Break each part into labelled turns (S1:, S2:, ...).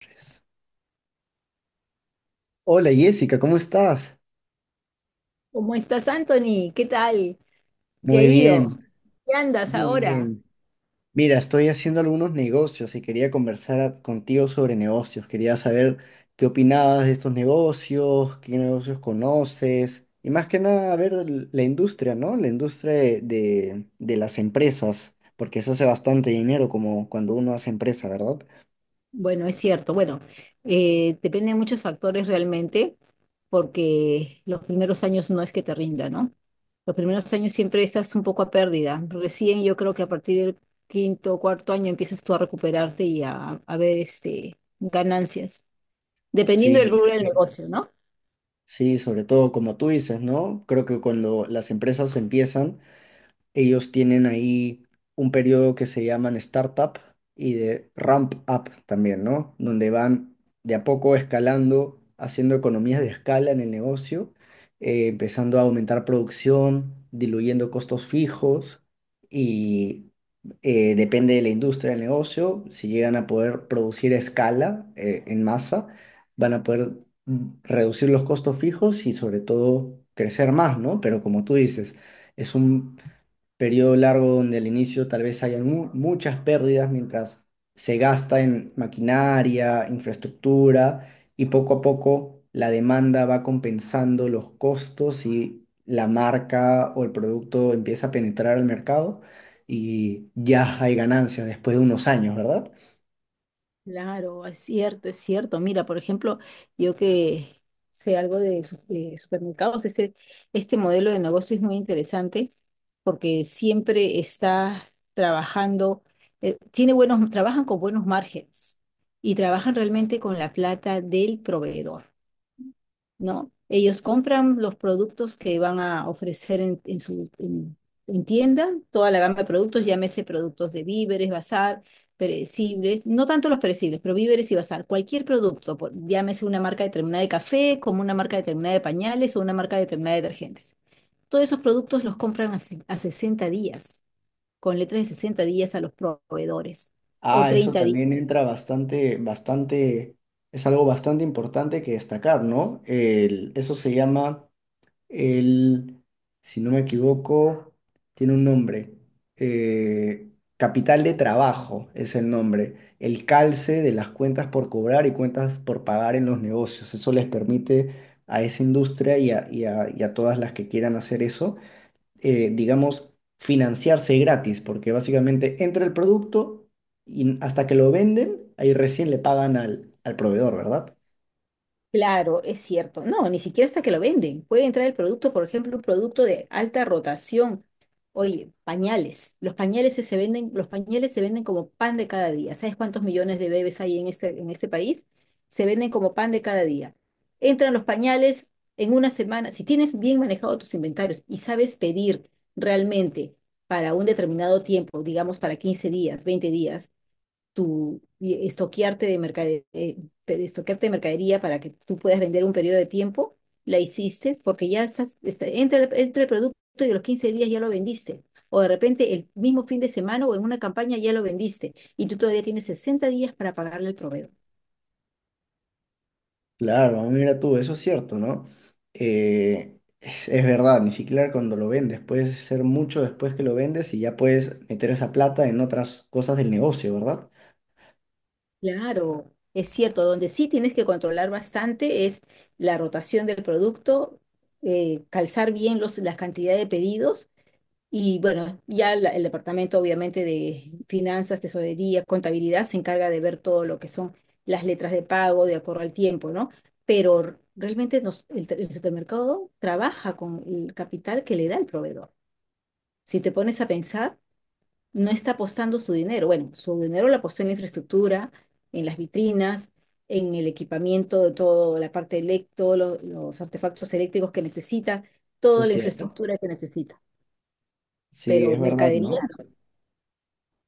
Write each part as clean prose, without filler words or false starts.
S1: Pues, hola Jessica, ¿cómo estás?
S2: ¿Cómo estás, Anthony? ¿Qué tal? ¿Te ha
S1: Muy
S2: ido?
S1: bien,
S2: ¿Qué andas
S1: muy
S2: ahora?
S1: bien. Mira, estoy haciendo algunos negocios y quería conversar contigo sobre negocios. Quería saber qué opinabas de estos negocios, qué negocios conoces y más que nada a ver la industria, ¿no? La industria de las empresas, porque se hace bastante dinero como cuando uno hace empresa, ¿verdad?
S2: Bueno, es cierto. Bueno, depende de muchos factores realmente, porque los primeros años no es que te rinda, ¿no? Los primeros años siempre estás un poco a pérdida. Recién yo creo que a partir del quinto, cuarto año empiezas tú a recuperarte y a ver este, ganancias, dependiendo del
S1: Sí, es
S2: rubro del
S1: cierto.
S2: negocio, ¿no?
S1: Sí, sobre todo como tú dices, ¿no? Creo que cuando las empresas empiezan, ellos tienen ahí un periodo que se llaman startup y de ramp up también, ¿no? Donde van de a poco escalando, haciendo economías de escala en el negocio, empezando a aumentar producción, diluyendo costos fijos y depende de la industria del negocio, si llegan a poder producir a escala en masa, van a poder reducir los costos fijos y sobre todo crecer más, ¿no? Pero como tú dices, es un periodo largo donde al inicio tal vez hayan muchas pérdidas mientras se gasta en maquinaria, infraestructura y poco a poco la demanda va compensando los costos y la marca o el producto empieza a penetrar al mercado y ya hay ganancias después de unos años, ¿verdad?
S2: Claro, es cierto, es cierto. Mira, por ejemplo, yo que sé algo de, de supermercados, este modelo de negocio es muy interesante porque siempre está trabajando, tiene buenos, trabajan con buenos márgenes y trabajan realmente con la plata del proveedor. ¿No? Ellos compran los productos que van a ofrecer en tienda, toda la gama de productos, llámese productos de víveres, bazar, perecibles, no tanto los perecibles, pero víveres y bazar, cualquier producto, llámese una marca determinada de café, como una marca determinada de pañales o una marca determinada de detergentes. Todos esos productos los compran a, a 60 días, con letras de 60 días a los proveedores o
S1: Ah, eso
S2: 30.
S1: también entra bastante, bastante, es algo bastante importante que destacar, ¿no? Eso se llama él, si no me equivoco, tiene un nombre. eh, Capital de Trabajo es el nombre. El calce de las cuentas por cobrar y cuentas por pagar en los negocios. Eso les permite a esa industria y a todas las que quieran hacer eso, digamos, financiarse gratis, porque básicamente entra el producto y hasta que lo venden, ahí recién le pagan al proveedor, ¿verdad?
S2: Claro, es cierto. No, ni siquiera hasta que lo venden. Puede entrar el producto, por ejemplo, un producto de alta rotación. Oye, pañales. Los pañales se venden, los pañales se venden como pan de cada día. ¿Sabes cuántos millones de bebés hay en este país? Se venden como pan de cada día. Entran los pañales en una semana. Si tienes bien manejado tus inventarios y sabes pedir realmente para un determinado tiempo, digamos para 15 días, 20 días, tu y estoquearte de mercadería, estoquearte de mercadería para que tú puedas vender un periodo de tiempo, la hiciste porque ya estás, está, entre, entre el producto y los 15 días ya lo vendiste. O de repente el mismo fin de semana o en una campaña ya lo vendiste y tú todavía tienes 60 días para pagarle al proveedor.
S1: Claro, mira tú, eso es cierto, ¿no? Es verdad, ni siquiera cuando lo vendes, puedes ser mucho después que lo vendes y ya puedes meter esa plata en otras cosas del negocio, ¿verdad?
S2: Claro, es cierto, donde sí tienes que controlar bastante es la rotación del producto, calzar bien los, la cantidad de pedidos. Y bueno, ya el departamento obviamente de finanzas, tesorería, contabilidad se encarga de ver todo lo que son las letras de pago de acuerdo al tiempo, ¿no? Pero realmente el supermercado trabaja con el capital que le da el proveedor. Si te pones a pensar, no está apostando su dinero. Bueno, su dinero lo apostó en la infraestructura, en las vitrinas, en el equipamiento de todo, la parte electo, los artefactos eléctricos que necesita,
S1: Eso
S2: toda
S1: es
S2: la
S1: cierto.
S2: infraestructura que necesita.
S1: Sí,
S2: Pero
S1: es verdad,
S2: mercadería.
S1: ¿no?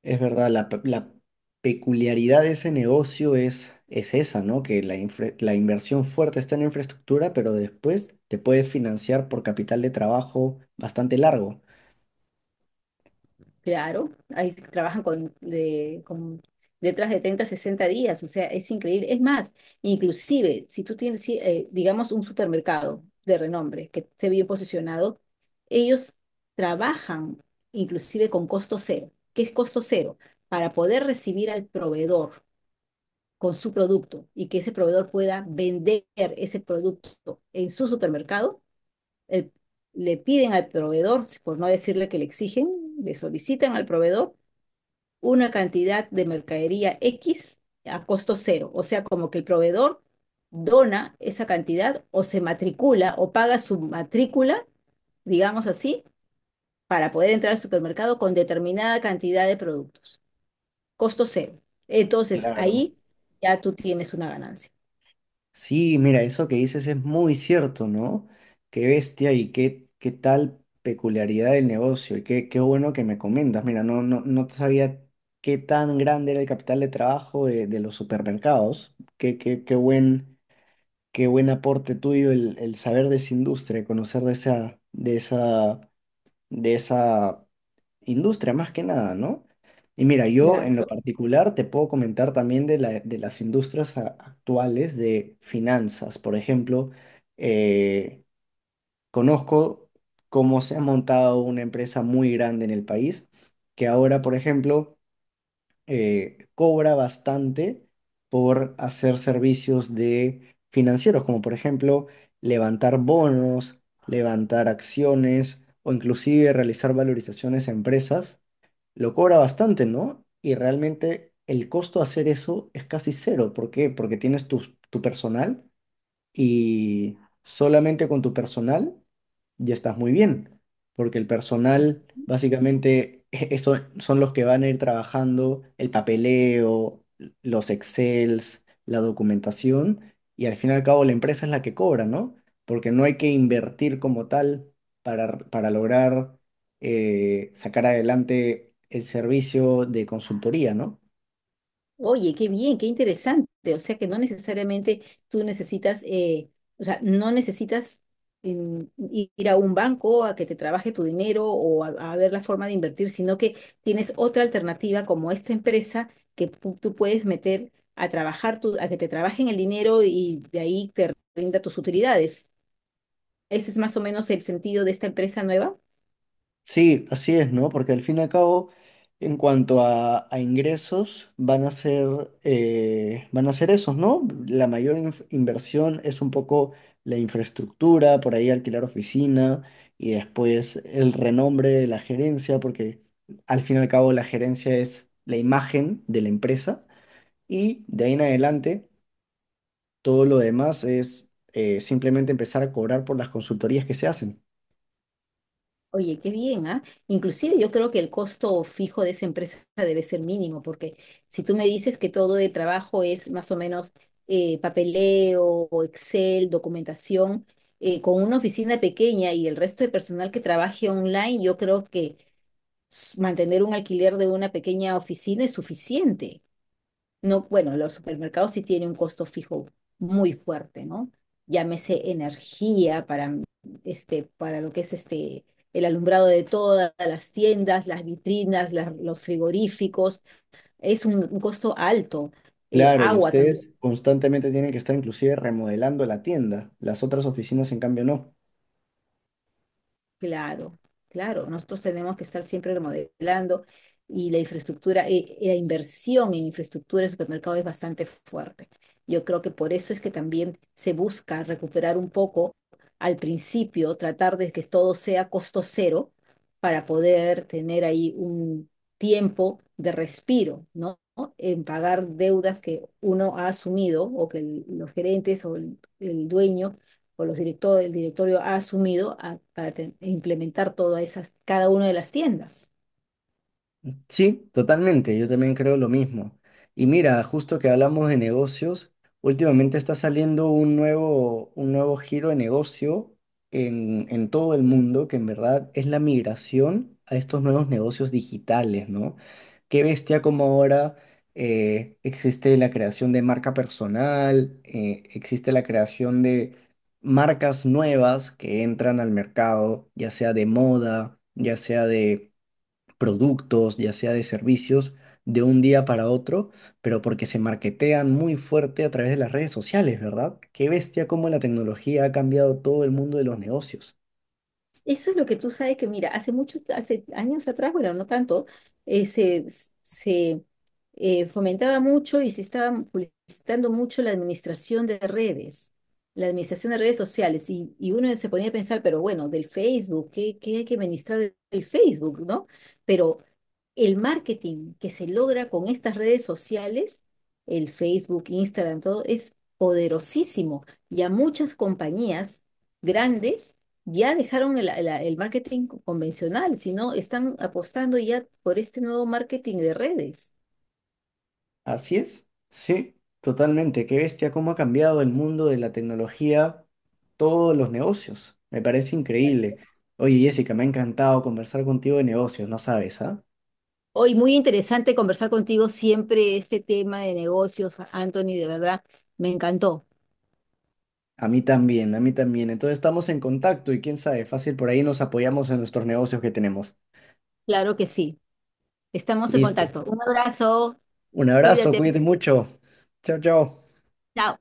S1: Es verdad, la peculiaridad de ese negocio es esa, ¿no? Que la inversión fuerte está en la infraestructura, pero después te puedes financiar por capital de trabajo bastante largo.
S2: Claro, ahí se trabajan con, con letras de 30 a 60 días, o sea, es increíble. Es más, inclusive, si tú tienes, sí, digamos, un supermercado de renombre que esté bien posicionado, ellos trabajan inclusive con costo cero. ¿Qué es costo cero? Para poder recibir al proveedor con su producto y que ese proveedor pueda vender ese producto en su supermercado, el- le piden al proveedor, por no decirle que le exigen, le solicitan al proveedor una cantidad de mercadería X a costo cero. O sea, como que el proveedor dona esa cantidad o se matricula o paga su matrícula, digamos así, para poder entrar al supermercado con determinada cantidad de productos. Costo cero. Entonces,
S1: Claro.
S2: ahí ya tú tienes una ganancia.
S1: Sí, mira, eso que dices es muy cierto, ¿no? Qué bestia y qué, qué tal peculiaridad del negocio y qué bueno que me comentas. Mira, no sabía qué tan grande era el capital de trabajo de los supermercados. Qué buen aporte tuyo el saber de esa industria, conocer de esa industria, más que nada, ¿no? Y mira, yo en lo
S2: Claro.
S1: particular te puedo comentar también de las industrias actuales de finanzas. Por ejemplo, eh, conozco cómo se ha montado una empresa muy grande en el país, que ahora, por ejemplo, cobra bastante por hacer servicios de financieros, como por ejemplo levantar bonos, levantar acciones o inclusive realizar valorizaciones a empresas, lo cobra bastante, ¿no? Y realmente el costo de hacer eso es casi cero. ¿Por qué? Porque tienes tu personal y solamente con tu personal ya estás muy bien, porque el personal básicamente eso son los que van a ir trabajando el papeleo, los Excels, la documentación y al fin y al cabo la empresa es la que cobra, ¿no? Porque no hay que invertir como tal para lograr sacar adelante el servicio de consultoría, ¿no?
S2: Oye, qué bien, qué interesante. O sea que no necesariamente tú necesitas, o sea, no necesitas mm, ir a un banco a que te trabaje tu dinero o a ver la forma de invertir, sino que tienes otra alternativa como esta empresa que tú puedes meter a trabajar tu, a que te trabajen el dinero y de ahí te rinda tus utilidades. Ese es más o menos el sentido de esta empresa nueva.
S1: Sí, así es, ¿no? Porque al fin y al cabo, en cuanto a ingresos, van a ser esos, ¿no? La mayor inversión es un poco la infraestructura, por ahí alquilar oficina y después el renombre de la gerencia, porque al fin y al cabo la gerencia es la imagen de la empresa y de ahí en adelante todo lo demás es simplemente empezar a cobrar por las consultorías que se hacen.
S2: Oye, qué bien, ¿ah? Inclusive yo creo que el costo fijo de esa empresa debe ser mínimo, porque si tú me dices que todo de trabajo es más o menos papeleo, o Excel, documentación, con una oficina pequeña y el resto de personal que trabaje online, yo creo que mantener un alquiler de una pequeña oficina es suficiente. No, bueno, los supermercados sí tienen un costo fijo muy fuerte, ¿no? Llámese energía para, este, para lo que es este, el alumbrado de todas las tiendas, las vitrinas, los frigoríficos, es un costo alto.
S1: Claro, y
S2: Agua también.
S1: ustedes constantemente tienen que estar inclusive remodelando la tienda. Las otras oficinas, en cambio, no.
S2: Claro, claro, nosotros tenemos que estar siempre remodelando y la infraestructura, la inversión en infraestructura de supermercado es bastante fuerte. Yo creo que por eso es que también se busca recuperar un poco al principio, tratar de que todo sea costo cero para poder tener ahí un tiempo de respiro, ¿no? En pagar deudas que uno ha asumido o que los gerentes o el dueño o los directores, el directorio ha asumido para implementar todas esas, cada una de las tiendas.
S1: Sí, totalmente, yo también creo lo mismo. Y mira, justo que hablamos de negocios, últimamente está saliendo un nuevo giro de negocio en todo el mundo, que en verdad es la migración a estos nuevos negocios digitales, ¿no? Qué bestia como ahora existe la creación de marca personal, existe la creación de marcas nuevas que entran al mercado, ya sea de moda, ya sea de productos, ya sea de servicios, de un día para otro, pero porque se marketean muy fuerte a través de las redes sociales, ¿verdad? Qué bestia cómo la tecnología ha cambiado todo el mundo de los negocios.
S2: Eso es lo que tú sabes que, mira, hace muchos, hace años atrás, bueno, no tanto, se, se fomentaba mucho y se estaba publicitando mucho la administración de redes, la administración de redes sociales. Y uno se ponía a pensar, pero bueno, del Facebook, ¿qué, qué hay que administrar del Facebook, ¿no? Pero el marketing que se logra con estas redes sociales, el Facebook, Instagram, todo, es poderosísimo. Y a muchas compañías grandes ya dejaron el marketing convencional, sino están apostando ya por este nuevo marketing de redes.
S1: Así es, sí, totalmente. Qué bestia cómo ha cambiado el mundo de la tecnología, todos los negocios. Me parece increíble. Oye, Jessica, me ha encantado conversar contigo de negocios, no sabes, ¿ah?
S2: Hoy muy interesante conversar contigo siempre este tema de negocios, Anthony, de verdad, me encantó.
S1: A mí también, a mí también. Entonces estamos en contacto y quién sabe, fácil por ahí nos apoyamos en nuestros negocios que tenemos.
S2: Claro que sí. Estamos en
S1: Listo.
S2: contacto. Un abrazo,
S1: Un abrazo,
S2: cuídate.
S1: cuídate mucho. Chao, chao.
S2: Chao.